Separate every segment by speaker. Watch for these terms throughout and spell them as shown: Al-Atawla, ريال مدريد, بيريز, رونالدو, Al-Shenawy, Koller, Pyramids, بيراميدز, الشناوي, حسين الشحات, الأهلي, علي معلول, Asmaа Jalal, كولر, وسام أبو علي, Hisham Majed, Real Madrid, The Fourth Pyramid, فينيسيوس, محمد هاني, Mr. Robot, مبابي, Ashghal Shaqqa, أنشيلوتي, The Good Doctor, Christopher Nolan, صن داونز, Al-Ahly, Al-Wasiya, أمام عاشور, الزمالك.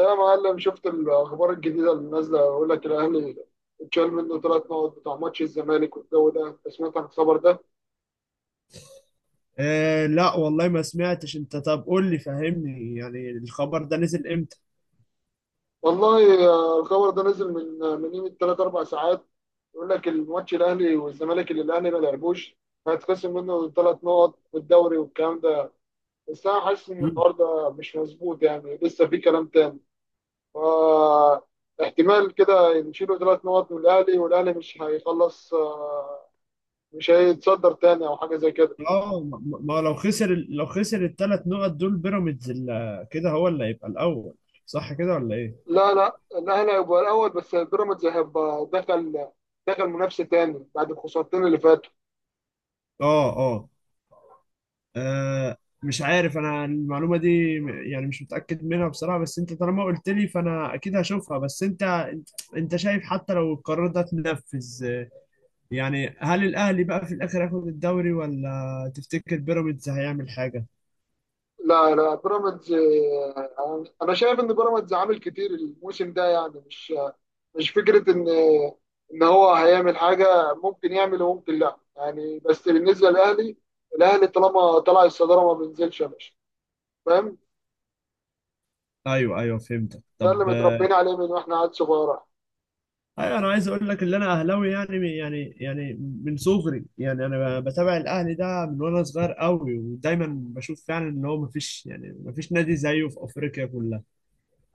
Speaker 1: يا معلم، شفت الاخبار الجديده اللي نازله؟ يقول لك الاهلي اتشال منه 3 نقط بتاع ماتش الزمالك والجو ده. انت سمعت عن الخبر ده؟
Speaker 2: لا والله ما سمعتش، انت طب قول لي فهمني، يعني الخبر ده نزل امتى؟
Speaker 1: والله، الخبر ده نزل من قيمه ثلاث اربع ساعات. يقول لك الماتش الاهلي والزمالك اللي الاهلي ما لعبوش، هيتخصم منه 3 نقط والدوري والكلام ده. بس انا حاسس ان
Speaker 2: مم.
Speaker 1: الحوار ده مش مظبوط، يعني لسه في كلام تاني. فا احتمال كده يشيلوا 3 نقط من الاهلي، والاهلي مش هيخلص، مش هيتصدر تاني او حاجه زي كده.
Speaker 2: ما، لو خسر لو خسر الثلاث نقط دول بيراميدز كده، هو اللي هيبقى الاول، صح كده ولا ايه؟
Speaker 1: لا، لا، الاهلي هيبقى الاول، بس بيراميدز هيبقى دخل منافسه تاني بعد الخسارتين اللي فاتوا.
Speaker 2: اه اه آه، مش عارف انا المعلومه دي يعني مش متاكد منها بصراحه، بس انت طالما قلت لي فانا اكيد هشوفها. بس انت أنت شايف، حتى لو القرار ده اتنفذ، يعني هل الاهلي بقى في الاخر هياخد الدوري ولا تفتكر بيراميدز هيعمل حاجه؟
Speaker 1: لا، لا، بيراميدز، انا شايف ان بيراميدز عامل كتير الموسم ده. يعني مش فكره ان هو هيعمل حاجه، ممكن يعمل وممكن لا. يعني بس بالنسبه للاهلي، الاهلي طالما طلع الصداره ما بينزلش يا باشا، فاهم؟
Speaker 2: ايوه ايوه فهمتك.
Speaker 1: ده اللي
Speaker 2: طب
Speaker 1: متربيين عليه من واحنا عيال صغيره.
Speaker 2: ايوه، انا عايز اقول لك ان انا اهلاوي، يعني من صغري، يعني انا بتابع الاهلي ده من وانا صغير قوي، ودايما بشوف فعلا ان هو مفيش، يعني مفيش نادي زيه في افريقيا كلها.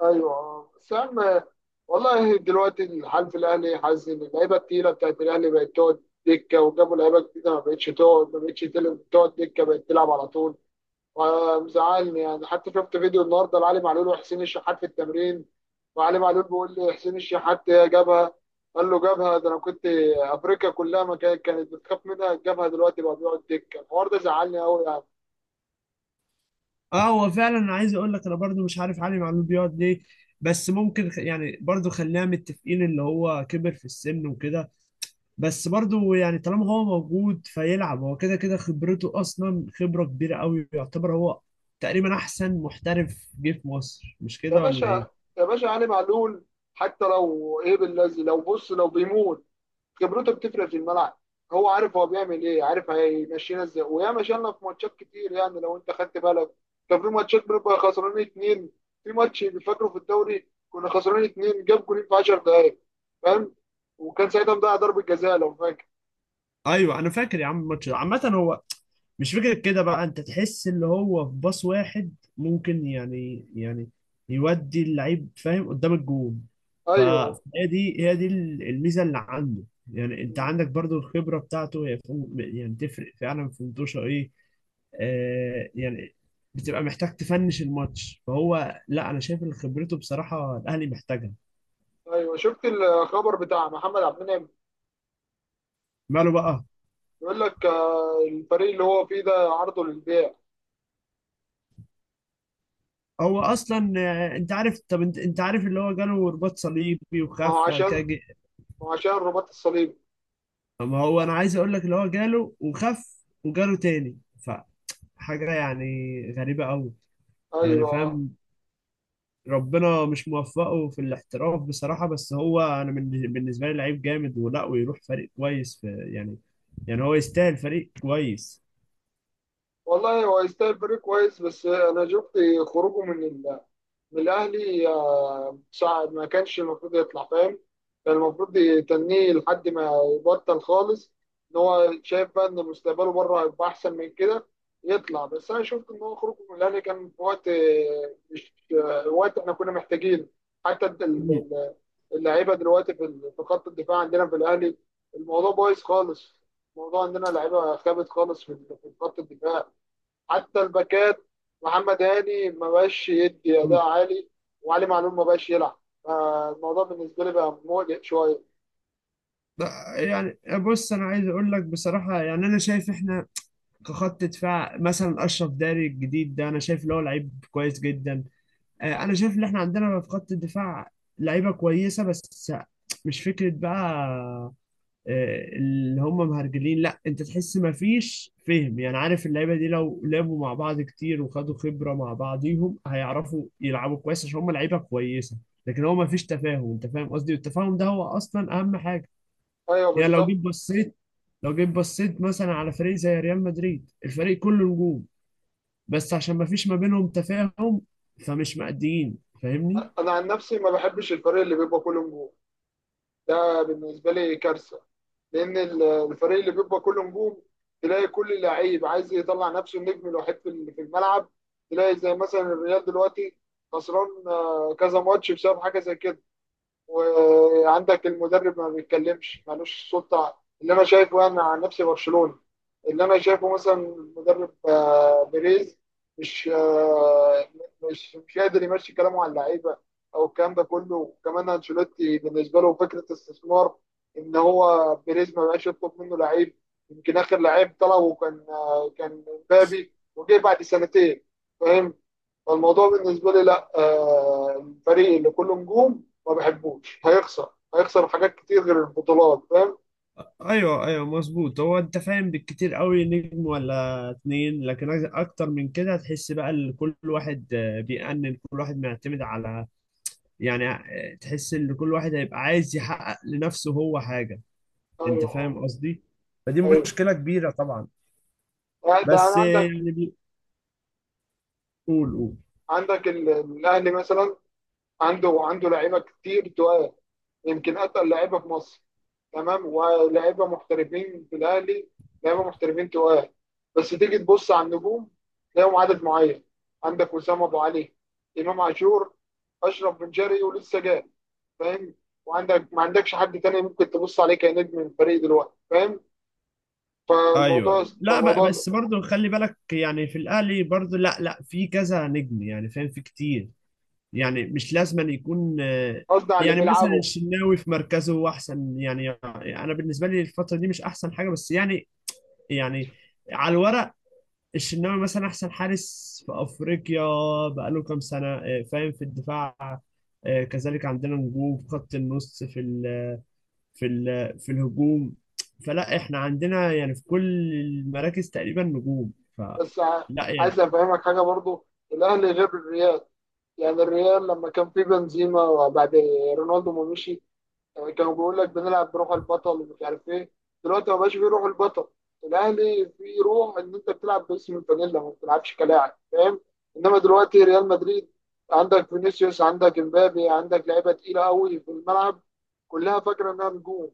Speaker 1: ايوه سام. والله دلوقتي الحال في الاهلي، حاسس ان اللعيبه التقيله بتاعت الاهلي بقت تقعد دكه، وجابوا لعيبه جديده ما بقتش تقعد ما بقتش تل- تقعد دكه، بقت تلعب على طول. ومزعلني. يعني حتى شفت فيديو النهارده لعلي معلول وحسين الشحات في التمرين. وعلي معلول بيقول لي حسين الشحات جابها. قال له جابها ده انا كنت، افريقيا كلها ما كانت بتخاف منها. جابها دلوقتي بقى بيقعد دكه؟ الحوار ده زعلني قوي يعني.
Speaker 2: اه، هو فعلا انا عايز اقول لك، انا برضو مش عارف علي معلول بيقعد ليه. بس ممكن يعني برضو خلينا متفقين اللي هو كبر في السن وكده. بس برضو يعني طالما هو موجود فيلعب، هو كده كده خبرته اصلا خبرة كبيرة قوي، يعتبر هو تقريبا احسن محترف جه في مصر، مش
Speaker 1: يا
Speaker 2: كده ولا ايه؟
Speaker 1: باشا، يا باشا، علي معلول حتى لو ايه بالذي، لو بص لو بيموت، خبرته بتفرق في الملعب. هو عارف هو بيعمل ايه، عارف هيمشينا ازاي، ويا مشينا في ماتشات كتير. يعني لو انت خدت بالك، كان في ماتشات بنبقى خسرانين اتنين. في ماتش فاكره في الدوري كنا خسرانين اتنين، جاب جولين في 10 دقايق، فاهم؟ وكان ساعتها مضيع ضربة جزاء لو فاكر.
Speaker 2: ايوه، انا فاكر يا عم الماتش ده. عامة، هو مش فكرة كده بقى، انت تحس اللي هو في باص واحد ممكن، يودي اللعيب، فاهم، قدام الجون. ف-
Speaker 1: ايوه.
Speaker 2: فهي دي هي دي الميزة اللي عنده. يعني انت
Speaker 1: م.
Speaker 2: عندك برضو الخبرة بتاعته، هي يعني تفرق فعلا في انتوشة ايه. يعني بتبقى محتاج تفنش الماتش، فهو لا، انا شايف ان خبرته بصراحه الاهلي محتاجها.
Speaker 1: ايوه، شفت الخبر بتاع محمد عبد المنعم؟
Speaker 2: ماله بقى؟
Speaker 1: بيقول لك، الفريق اللي هو فيه ده عرضه للبيع.
Speaker 2: هو اصلا، انت عارف، طب انت عارف اللي هو جاله رباط صليبي
Speaker 1: ما هو
Speaker 2: وخف بعد
Speaker 1: عشان
Speaker 2: كده
Speaker 1: ما هو عشان رباط الصليب.
Speaker 2: ما هو انا عايز اقول لك، اللي هو جاله وخف وجاله تاني، فحاجه يعني غريبه قوي، يعني
Speaker 1: ايوه.
Speaker 2: فاهم. ربنا مش موفقه في الاحتراف بصراحه، بس هو انا بالنسبه لي لعيب جامد، ولا ويروح فريق كويس في، يعني يعني هو يستاهل فريق كويس.
Speaker 1: والله هو يستاهل فريق كويس. بس انا شفت خروجه من الاهلي، صعب. ما كانش المفروض يطلع، فاهم؟ كان المفروض يتنيه لحد ما يبطل خالص. ان هو شايف بقى ان مستقبله بره هيبقى احسن من كده يطلع. بس انا شفت ان هو خروجه من الاهلي كان في وقت، مش وقت احنا كنا محتاجينه. حتى اللعيبه دلوقتي في خط الدفاع عندنا في الاهلي، الموضوع بايظ خالص. الموضوع عندنا لعيبه خابت خالص في خط الدفاع. حتى الباكات، محمد هاني ما بقاش يدي اداء
Speaker 2: مم.
Speaker 1: عالي. وعلي معلول ما بقاش يلعب. فالموضوع بالنسبه لي بقى مقلق شويه.
Speaker 2: لا، يعني بص، انا عايز اقول لك بصراحه، يعني انا شايف احنا كخط دفاع، مثلا اشرف داري الجديد ده انا شايف اللي هو لعيب كويس جدا. انا شايف ان احنا عندنا في خط الدفاع لعيبه كويسه، بس مش فكره بقى اللي هم مهرجلين، لا، انت تحس ما فيش فهم، يعني عارف، اللعيبه دي لو لعبوا مع بعض كتير وخدوا خبره مع بعضيهم هيعرفوا يلعبوا كويس، عشان هم لعيبه كويسه. لكن هو ما فيش تفاهم، انت فاهم قصدي، والتفاهم ده هو اصلا اهم حاجه.
Speaker 1: ايوه،
Speaker 2: يعني لو
Speaker 1: بالظبط.
Speaker 2: جيت بصيت، لو جيت بصيت مثلا على فريق زي ريال مدريد، الفريق كله نجوم، بس عشان ما فيش ما بينهم تفاهم، فمش مأديين، فاهمني؟
Speaker 1: انا عن نفسي ما بحبش الفريق اللي بيبقى كله نجوم. ده بالنسبه لي كارثه، لان الفريق اللي بيبقى كله نجوم تلاقي كل لعيب عايز يطلع نفسه النجم الوحيد في الملعب. تلاقي زي مثلا الريال دلوقتي خسران، كذا ماتش بسبب حاجه زي كده. وعندك المدرب ما بيتكلمش، مالوش سلطة. اللي أنا شايفه، أنا عن نفسي برشلوني، اللي أنا شايفه مثلا المدرب، بيريز مش آه، مش مش قادر يمشي كلامه على اللعيبة أو الكلام ده كله. وكمان أنشيلوتي بالنسبة له فكرة استثمار، إن هو بيريز ما بقاش يطلب منه لعيب. يمكن آخر لعيب طلبه كان مبابي، وجه بعد سنتين، فاهم؟ فالموضوع بالنسبه لي، لا، الفريق اللي كله نجوم ما بحبوش. هيخسر حاجات كتير غير البطولات، فاهم؟
Speaker 2: ايوه ايوه مظبوط. هو انت فاهم، بالكتير قوي نجم ولا اتنين، لكن اكتر من كده هتحس بقى ان كل واحد، بيأنن، كل واحد معتمد على، يعني تحس ان كل واحد هيبقى عايز يحقق لنفسه هو حاجة. انت
Speaker 1: ايوه،
Speaker 2: فاهم
Speaker 1: اه،
Speaker 2: قصدي؟ فدي
Speaker 1: ايوه.
Speaker 2: مشكلة كبيرة طبعا.
Speaker 1: ده
Speaker 2: بس
Speaker 1: انا عندك.
Speaker 2: يعني قول قول.
Speaker 1: عندك الاهلي مثلا عنده لعيبه كتير تقال، يمكن اتقل لعيبه في مصر، تمام. ولاعيبه محترفين في الاهلي، لعيبه محترفين تقال. بس تيجي تبص على النجوم، تلاقيهم عدد معين. عندك وسام ابو علي، امام عاشور، اشرف بن شرقي ولسه جاي، فاهم؟ وعندك ما عندكش حد تاني ممكن تبص عليه كنجم من الفريق دلوقتي، فاهم؟
Speaker 2: ايوه،
Speaker 1: فالموضوع
Speaker 2: لا ب-
Speaker 1: فالموضوع
Speaker 2: بس برضو خلي بالك، يعني في الاهلي برضو لا لا، في كذا نجم، يعني فاهم، في كتير. يعني مش لازم أن يكون
Speaker 1: قصدي على اللي
Speaker 2: يعني مثلا
Speaker 1: بيلعبه.
Speaker 2: الشناوي في مركزه هو احسن، يعني انا بالنسبه لي الفتره دي مش احسن حاجه، بس يعني، يعني على الورق، الشناوي مثلا احسن حارس في افريقيا بقاله كام سنه، فاهم، في الدفاع، كذلك عندنا نجوم في خط النص، في في الهجوم، فلا، احنا عندنا يعني في كل المراكز تقريبا نجوم، فلا
Speaker 1: بس ع- عايز
Speaker 2: يعني.
Speaker 1: افهمك حاجه برضو، الاهلي غير الريال. يعني الريال لما كان في بنزيما وبعد رونالدو ما مشي، يعني كانوا بيقول لك بنلعب بروح البطل ومش عارف ايه. دلوقتي ما بقاش في روح البطل. الاهلي في روح ان انت بتلعب باسم الفانيلا، ما بتلعبش كلاعب، فاهم؟ انما دلوقتي ريال مدريد عندك فينيسيوس، عندك امبابي، عندك لعيبه تقيله قوي في الملعب كلها فاكره انها نجوم،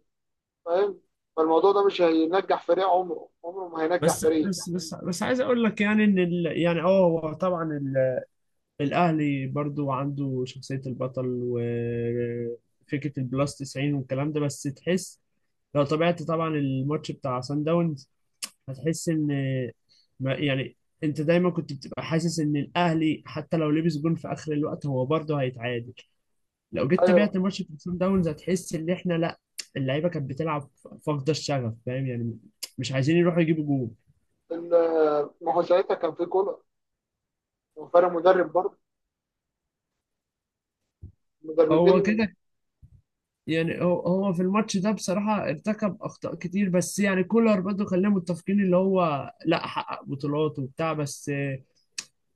Speaker 1: فاهم؟ فالموضوع ده مش هينجح فريق، عمره عمره ما هينجح
Speaker 2: بس
Speaker 1: فريق.
Speaker 2: بس بس بس عايز اقول لك، يعني ان ال، يعني اه هو طبعا الاهلي برضو عنده شخصية البطل وفكرة البلس 90 والكلام ده، بس تحس لو تابعت طبعا الماتش بتاع سان داونز، هتحس ان يعني انت دايما كنت بتبقى حاسس ان الاهلي حتى لو لبس جون في اخر الوقت هو برضه هيتعادل. لو جيت
Speaker 1: ايوه.
Speaker 2: تابعت ماتش بتاع سان داونز هتحس ان احنا لا، اللعيبه كانت بتلعب فاقده الشغف، فاهم يعني، مش عايزين يروحوا يجيبوا جول.
Speaker 1: ال- ما هو ساعتها كان في كولر، وفرق مدرب برضه،
Speaker 2: هو
Speaker 1: مدربين.
Speaker 2: كده. يعني هو في الماتش ده بصراحه ارتكب اخطاء كتير، بس يعني كولر برضه خلينا متفقين اللي هو لا، حقق بطولات وبتاع، بس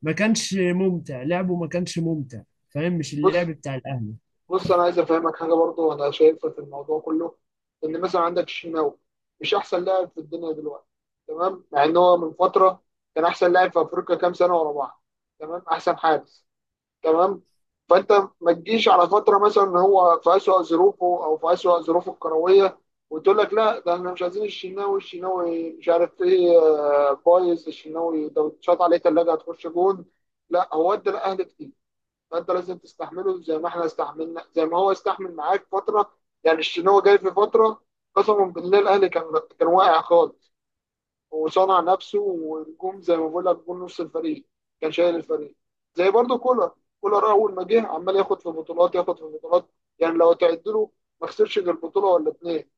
Speaker 2: ما كانش ممتع لعبه، ما كانش ممتع، فاهم، مش
Speaker 1: بص،
Speaker 2: اللعب بتاع الاهلي.
Speaker 1: بص، انا عايز افهمك حاجه برضه انا شايفها في الموضوع كله. ان مثلا عندك الشناوي مش احسن لاعب في الدنيا دلوقتي، تمام، مع ان هو من فتره كان احسن لاعب في افريقيا كام سنه ورا بعض، تمام، احسن حارس، تمام. فانت ما تجيش على فتره مثلا ان هو في اسوأ ظروفه او في اسوأ ظروفه الكرويه، وتقول لك لا، ده احنا مش عايزين الشناوي مش عارف ايه، بايظ، الشناوي ده اتشاط عليه ثلاجه هتخش جون. لا، هو ادى الاهلي كتير. فانت لازم تستحمله زي ما احنا استحملنا زي ما هو استحمل معاك فتره. يعني الشناوي جاي في فتره قسما بالله الاهلي كان واقع خالص، وصنع نفسه ونجوم. زي ما بقول لك جون، نص الفريق كان شايل الفريق. زي برضه كولر. كولر اول ما جه عمال ياخد في بطولات، ياخد في بطولات. يعني لو تعد له ما خسرش غير بطوله ولا اتنين،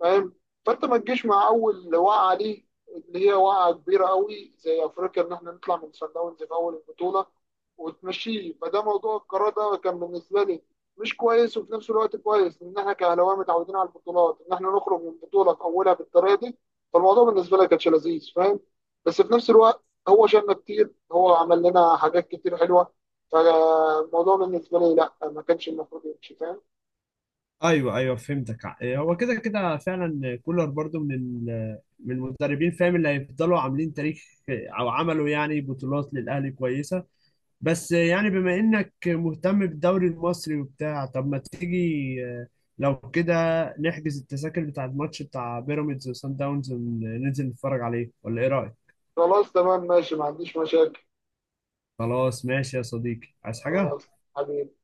Speaker 1: فاهم؟ فانت ما تجيش مع اول وقعه ليه اللي هي وقعه كبيره قوي زي افريقيا ان احنا نطلع من صن داونز في اول البطوله وتمشيه. فده موضوع. القرار ده كان بالنسبه لي مش كويس، وفي نفس الوقت كويس ان احنا كاهلاويه متعودين على البطولات، ان احنا نخرج من بطوله في اولها بالطريقه دي. فالموضوع بالنسبه لي كانش لذيذ، فاهم؟ بس في نفس الوقت هو شالنا كتير، هو عمل لنا حاجات كتير حلوه. فالموضوع بالنسبه لي، لا، ما كانش المفروض يمشي، فاهم؟
Speaker 2: ايوه ايوه فهمتك. إيه، هو كده كده فعلا كولر برضو من من المدربين، فاهم، اللي هيفضلوا عاملين تاريخ او عملوا يعني بطولات للاهلي كويسه. بس يعني بما انك مهتم بالدوري المصري وبتاع، طب ما تيجي، آه، لو كده، نحجز التذاكر بتاع الماتش بتاع بيراميدز وسان داونز وننزل نتفرج عليه، ولا ايه رايك؟
Speaker 1: خلاص، تمام، ماشي، ما عنديش مشاكل.
Speaker 2: خلاص، ماشي يا صديقي، عايز حاجه؟
Speaker 1: خلاص، حبيبي.